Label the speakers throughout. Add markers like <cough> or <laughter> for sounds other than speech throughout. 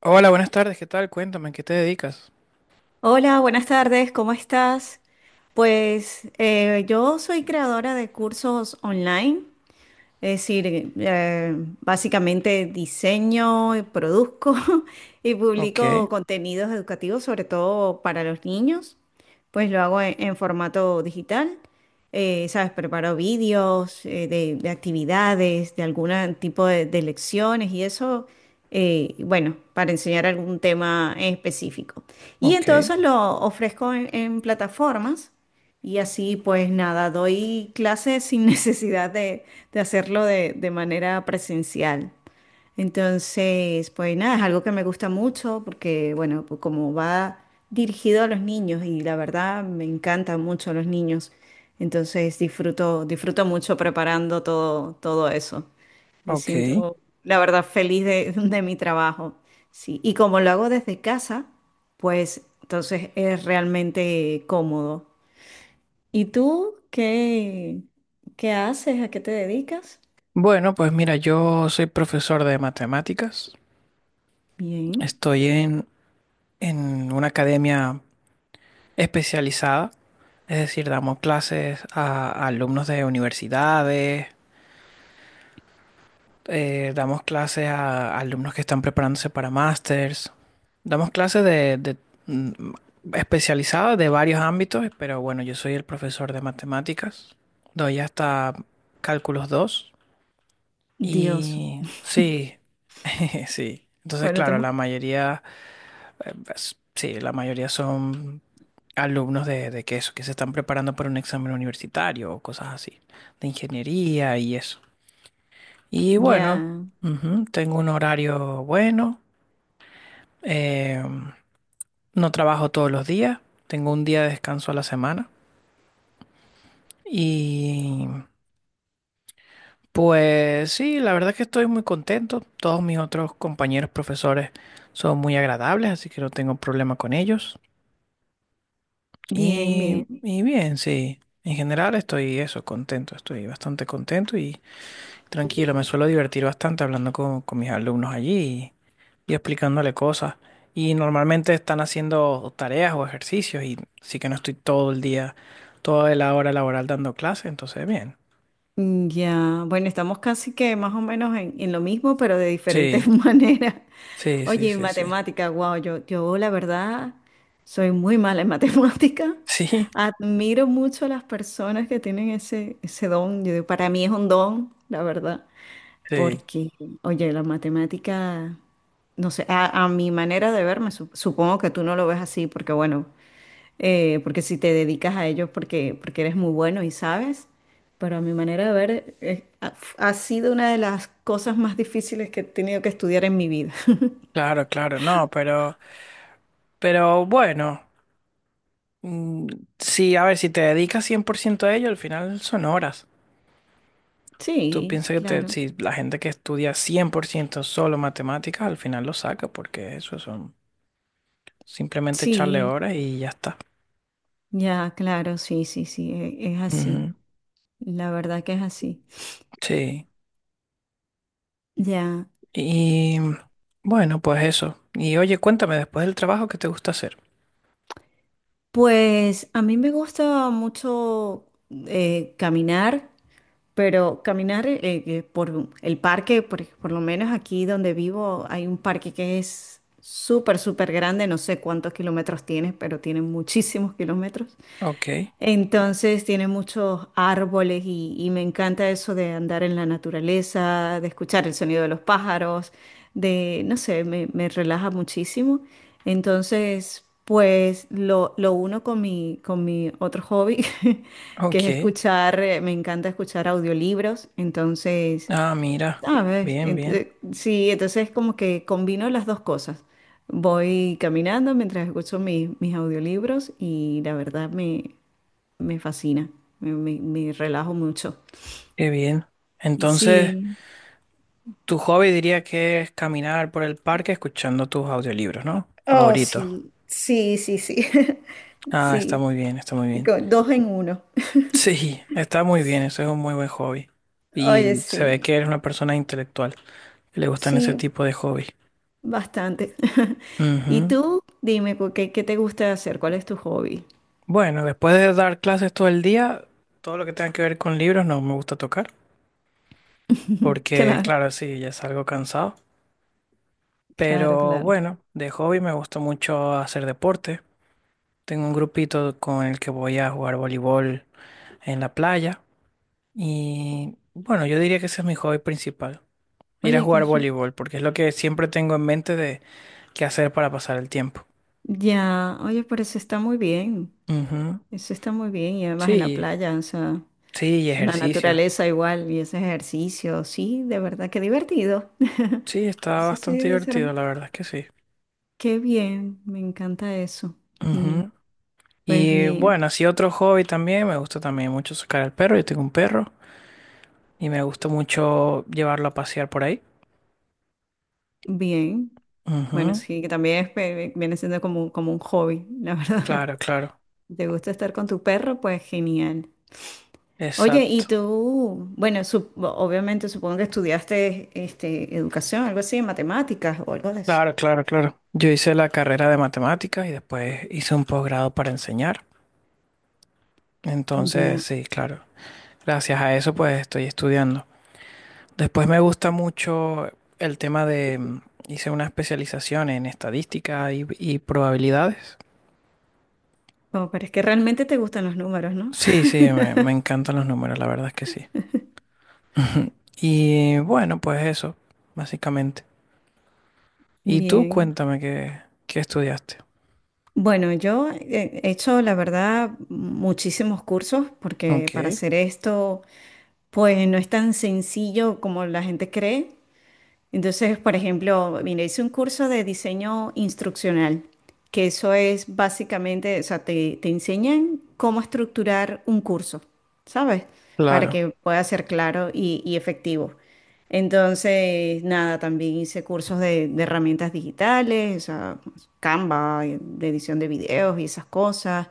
Speaker 1: Hola, buenas tardes, ¿qué tal? Cuéntame, ¿en ¿qué te dedicas?
Speaker 2: Hola, buenas tardes, ¿cómo estás? Pues yo soy creadora de cursos online, es decir, básicamente diseño, produzco <laughs> y
Speaker 1: Ok,
Speaker 2: publico contenidos educativos, sobre todo para los niños. Pues lo hago en formato digital. ¿Sabes? Preparo vídeos de actividades, de algún tipo de lecciones y eso, bueno, para enseñar algún tema en específico. Y
Speaker 1: ok,
Speaker 2: entonces lo ofrezco en plataformas. Y así pues nada, doy clases sin <laughs> necesidad de hacerlo de manera presencial. Entonces, pues nada, es algo que me gusta mucho porque, bueno, pues como va dirigido a los niños y la verdad me encantan mucho los niños. Entonces disfruto mucho preparando todo eso. Me
Speaker 1: ok.
Speaker 2: siento, la verdad, feliz de, <laughs> de mi trabajo. Sí, y como lo hago desde casa, pues entonces es realmente cómodo. ¿Y tú qué haces? ¿A qué te dedicas?
Speaker 1: Bueno, pues mira, yo soy profesor de matemáticas.
Speaker 2: Bien.
Speaker 1: Estoy en una academia especializada, es decir, damos clases a alumnos de universidades, damos clases a alumnos que están preparándose para másters. Damos clases de, mm, especializadas de varios ámbitos, pero bueno, yo soy el profesor de matemáticas. Doy hasta cálculos 2.
Speaker 2: Dios.
Speaker 1: Y sí, <laughs> sí. Entonces,
Speaker 2: Bueno,
Speaker 1: claro,
Speaker 2: estamos
Speaker 1: la mayoría, sí, la mayoría son alumnos de que se están preparando para un examen universitario o cosas así, de ingeniería y eso. Y bueno,
Speaker 2: ya,
Speaker 1: ujú, tengo un horario bueno, eh, no trabajo todos los días, tengo un día de descanso a la semana. Y pues sí, la verdad es que estoy muy contento. Todos mis otros compañeros profesores son muy agradables, así que no tengo problema con ellos.
Speaker 2: bien,
Speaker 1: Y,
Speaker 2: bien.
Speaker 1: y bien, sí, en general estoy eso, contento, estoy bastante contento y tranquilo. Me suelo divertir bastante hablando con mis alumnos allí y explicándole cosas. Y normalmente están haciendo tareas o ejercicios y sí que no estoy todo el día, toda la hora laboral dando clases, entonces bien.
Speaker 2: Ya, bueno, estamos casi que más o menos en lo mismo, pero de diferentes
Speaker 1: Sí,
Speaker 2: <laughs> maneras.
Speaker 1: sí, sí,
Speaker 2: Oye, y
Speaker 1: sí, sí. <laughs>
Speaker 2: matemática, wow, yo la verdad soy muy mala en <laughs> matemática.
Speaker 1: Sí,
Speaker 2: Admiro mucho a las personas que tienen ese don. Yo digo, para mí es un don, la verdad.
Speaker 1: sí.
Speaker 2: Porque, oye, la matemática, no sé, a mi manera de verme, supongo que tú no lo ves así, porque bueno, porque si te dedicas a ello porque, porque eres muy bueno y sabes, pero a mi manera de ver, ha sido una de las cosas más difíciles que he tenido que estudiar en mi vida. <laughs>
Speaker 1: Claro, claro, no, pero bueno, mm, sí, a ver, si te dedicas 100% a ello, al final son horas. Tú
Speaker 2: Sí,
Speaker 1: piensas que
Speaker 2: claro.
Speaker 1: si la gente que estudia 100% solo matemáticas, al final lo saca, porque eso son simplemente echarle
Speaker 2: Sí,
Speaker 1: horas y ya está.
Speaker 2: ya, claro, sí, sí, sí, es así.
Speaker 1: Ujú.
Speaker 2: La verdad que es así.
Speaker 1: Sí.
Speaker 2: Ya,
Speaker 1: Y bueno, pues eso. Y oye, cuéntame después del trabajo qué te gusta hacer.
Speaker 2: pues a mí me gusta mucho caminar. Pero caminar por el parque, por lo menos aquí donde vivo, hay un parque que es súper, súper grande, no sé cuántos kilómetros tiene, pero tiene muchísimos <laughs> kilómetros.
Speaker 1: Ok,
Speaker 2: Entonces tiene muchos árboles y me encanta eso de andar en la naturaleza, de escuchar el sonido de los pájaros, de, no sé, me relaja muchísimo. Entonces, pues lo uno con con mi otro hobby, <laughs> que es
Speaker 1: ok.
Speaker 2: escuchar, me encanta escuchar audiolibros. Entonces,
Speaker 1: Ah, mira.
Speaker 2: ¿sabes?
Speaker 1: Bien, bien.
Speaker 2: Sí, entonces como que combino las dos cosas. Voy caminando mientras escucho mis audiolibros y la verdad me, me fascina, me relajo mucho.
Speaker 1: Qué bien. Entonces,
Speaker 2: Sí.
Speaker 1: tu hobby diría que es caminar por el parque escuchando tus audiolibros, ¿no?
Speaker 2: Oh,
Speaker 1: Favoritos.
Speaker 2: sí, sí, sí, sí. <laughs>
Speaker 1: Ah, está
Speaker 2: Sí,
Speaker 1: muy bien, está muy bien. <laughs>
Speaker 2: dos en uno.
Speaker 1: Sí, está muy bien. Eso es un muy buen hobby.
Speaker 2: Oye,
Speaker 1: Y se ve
Speaker 2: sí,
Speaker 1: que eres una persona intelectual, que le gustan ese
Speaker 2: sí.
Speaker 1: tipo de hobby.
Speaker 2: Bastante. <laughs> ¿Y
Speaker 1: Ujú.
Speaker 2: tú? Dime, qué te gusta hacer? ¿Cuál es tu hobby?
Speaker 1: Bueno, después de dar clases todo el día, todo lo que tenga que ver con libros no me gusta tocar.
Speaker 2: <laughs>
Speaker 1: Porque
Speaker 2: Claro,
Speaker 1: claro, sí, ya salgo cansado.
Speaker 2: claro,
Speaker 1: Pero
Speaker 2: claro.
Speaker 1: bueno, de hobby me gusta mucho hacer deporte. Tengo un grupito con el que voy a jugar voleibol en la playa. Y bueno, yo diría que ese es mi hobby principal, ir a
Speaker 2: Oye, qué
Speaker 1: jugar
Speaker 2: rico.
Speaker 1: voleibol, porque es lo que siempre tengo en mente de qué hacer para pasar el tiempo.
Speaker 2: Ya, oye, pero eso está muy bien.
Speaker 1: Ujú.
Speaker 2: Eso está muy bien. Y además en la
Speaker 1: Sí,
Speaker 2: playa, o sea.
Speaker 1: sí, y
Speaker 2: La
Speaker 1: ejercicio.
Speaker 2: naturaleza igual y ese ejercicio, sí, de verdad, qué divertido. <laughs>
Speaker 1: Sí, está
Speaker 2: Eso sí
Speaker 1: bastante
Speaker 2: debe ser,
Speaker 1: divertido, la verdad es que sí.
Speaker 2: qué bien, me encanta eso. Mm,
Speaker 1: Ujú.
Speaker 2: Pues
Speaker 1: Y
Speaker 2: bien,
Speaker 1: bueno, así otro hobby también, me gusta también mucho sacar al perro, yo tengo un perro. Y me gustó mucho llevarlo a pasear por ahí.
Speaker 2: bien. Bueno,
Speaker 1: Ujú.
Speaker 2: sí, que también es viene siendo como, como un hobby, la verdad.
Speaker 1: Claro, claro.
Speaker 2: <laughs> ¿Te gusta estar con tu perro? Pues genial. Oye, y
Speaker 1: Exacto.
Speaker 2: tú, bueno, obviamente supongo que estudiaste este, educación, algo así, matemáticas o algo de eso.
Speaker 1: Claro, claro, claro. Yo hice la carrera de matemáticas y después hice un posgrado para enseñar. Entonces,
Speaker 2: Ya.
Speaker 1: sí, claro. Gracias a eso, pues estoy estudiando. Después me gusta mucho el tema de... hice una especialización en estadística y probabilidades.
Speaker 2: Como, pero es que realmente te gustan los números, ¿no?
Speaker 1: Sí, sí, me
Speaker 2: <laughs>
Speaker 1: encantan los números, la verdad es que sí. <laughs> Y bueno, pues eso, básicamente. Y tú
Speaker 2: Bien.
Speaker 1: cuéntame qué, qué estudiaste.
Speaker 2: Bueno, yo he hecho, la verdad, muchísimos cursos porque para
Speaker 1: Ok,
Speaker 2: hacer esto, pues no es tan sencillo como la gente cree. Entonces, por ejemplo, mira, hice un curso de diseño instruccional, que eso es básicamente, o sea, te enseñan cómo estructurar un curso, ¿sabes? Para que
Speaker 1: claro.
Speaker 2: pueda ser claro y efectivo. Entonces, nada, también hice cursos de herramientas digitales, o sea, Canva, de edición de videos y esas cosas,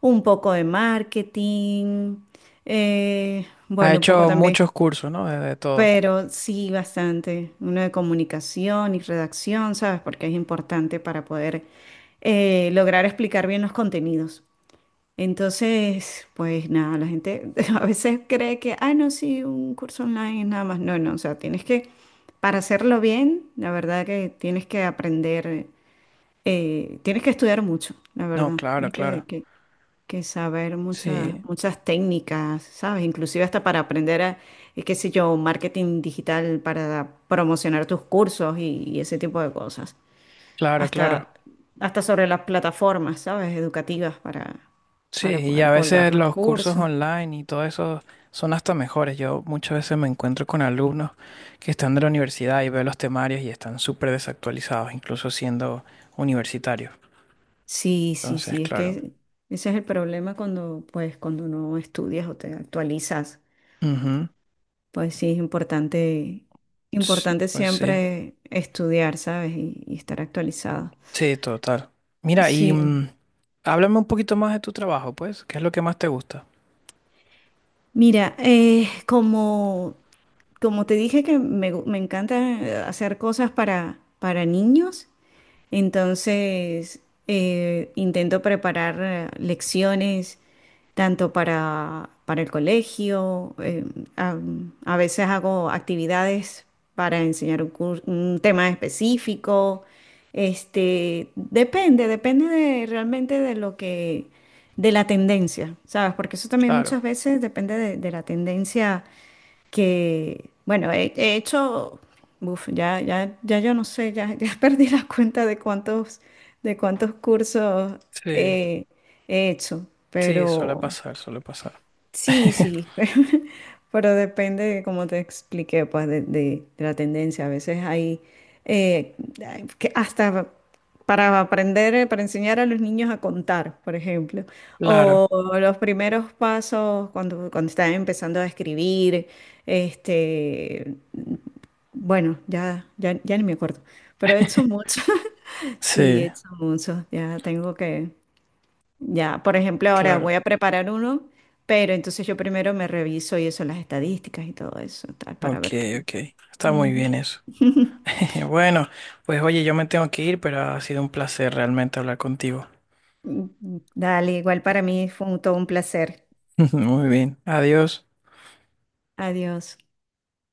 Speaker 2: un poco de marketing,
Speaker 1: Ha
Speaker 2: bueno, un poco
Speaker 1: hecho
Speaker 2: también.
Speaker 1: muchos cursos, ¿no? De todo.
Speaker 2: Pero sí, bastante. Uno de comunicación y redacción, ¿sabes? Porque es importante para poder lograr explicar bien los contenidos. Entonces, pues nada, la gente <laughs> a veces cree que, ah, no, sí, un curso online es nada más. No, no, o sea, tienes que, para hacerlo bien, la verdad que tienes que aprender, tienes que estudiar mucho, la
Speaker 1: No,
Speaker 2: verdad.
Speaker 1: claro,
Speaker 2: Tienes que,
Speaker 1: claro.
Speaker 2: que saber muchas,
Speaker 1: Sí,
Speaker 2: muchas técnicas, ¿sabes? Inclusive hasta para aprender a, qué sé yo, marketing digital para promocionar tus cursos y ese tipo de cosas.
Speaker 1: claro, claro.
Speaker 2: Hasta, hasta sobre las plataformas, ¿sabes? Educativas
Speaker 1: Sí,
Speaker 2: para
Speaker 1: y
Speaker 2: poder
Speaker 1: a
Speaker 2: colgar
Speaker 1: veces
Speaker 2: los
Speaker 1: los cursos
Speaker 2: cursos.
Speaker 1: online y todo eso son hasta mejores. Yo muchas veces me encuentro con alumnos que están de la universidad y veo los temarios y están súper desactualizados, incluso siendo universitarios.
Speaker 2: Sí, sí,
Speaker 1: Entonces,
Speaker 2: sí, es
Speaker 1: claro.
Speaker 2: que ese es el problema cuando, pues, cuando no estudias o te actualizas.
Speaker 1: Ujú.
Speaker 2: Pues sí, es importante,
Speaker 1: Ts-
Speaker 2: importante
Speaker 1: Pues sí.
Speaker 2: siempre estudiar, ¿sabes? Y estar actualizado.
Speaker 1: Sí, total. Mira, y
Speaker 2: Sí.
Speaker 1: háblame un poquito más de tu trabajo, pues. ¿Qué es lo que más te gusta?
Speaker 2: Mira, como te dije que me, me encanta hacer cosas para niños, entonces intento preparar lecciones tanto para el colegio, a, a veces hago actividades para enseñar un, un tema específico. Este, depende de, realmente de lo que, de la tendencia, ¿sabes? Porque eso también muchas
Speaker 1: Claro.
Speaker 2: veces depende de la tendencia que, bueno, he hecho, uf, ya yo no sé, ya <laughs> perdí la cuenta de cuántos cursos
Speaker 1: Sí,
Speaker 2: eh, he hecho,
Speaker 1: sí, suele
Speaker 2: pero...
Speaker 1: pasar, suele pasar.
Speaker 2: Sí,
Speaker 1: <laughs>
Speaker 2: sí, <laughs> pero depende, como te expliqué, pues de, de la tendencia. A veces hay eh, que hasta para aprender, para enseñar a los niños a contar, por ejemplo,
Speaker 1: Claro,
Speaker 2: o los primeros pasos cuando, cuando están empezando a escribir, este, bueno, ya ni me acuerdo, pero he hecho mucho, <laughs> sí, he
Speaker 1: sí,
Speaker 2: hecho mucho, ya tengo que, ya, por ejemplo, ahora voy
Speaker 1: claro.
Speaker 2: a preparar uno, pero entonces yo primero me reviso y eso, las estadísticas y todo eso, tal, para
Speaker 1: Ok,
Speaker 2: ver qué.
Speaker 1: ok. Está muy bien
Speaker 2: Ujú.
Speaker 1: eso. <laughs> Bueno, pues oye, yo me tengo que ir, pero ha sido un placer realmente hablar contigo.
Speaker 2: Dale, igual para mí fue todo un placer.
Speaker 1: <laughs> Muy bien. Adiós.
Speaker 2: Adiós.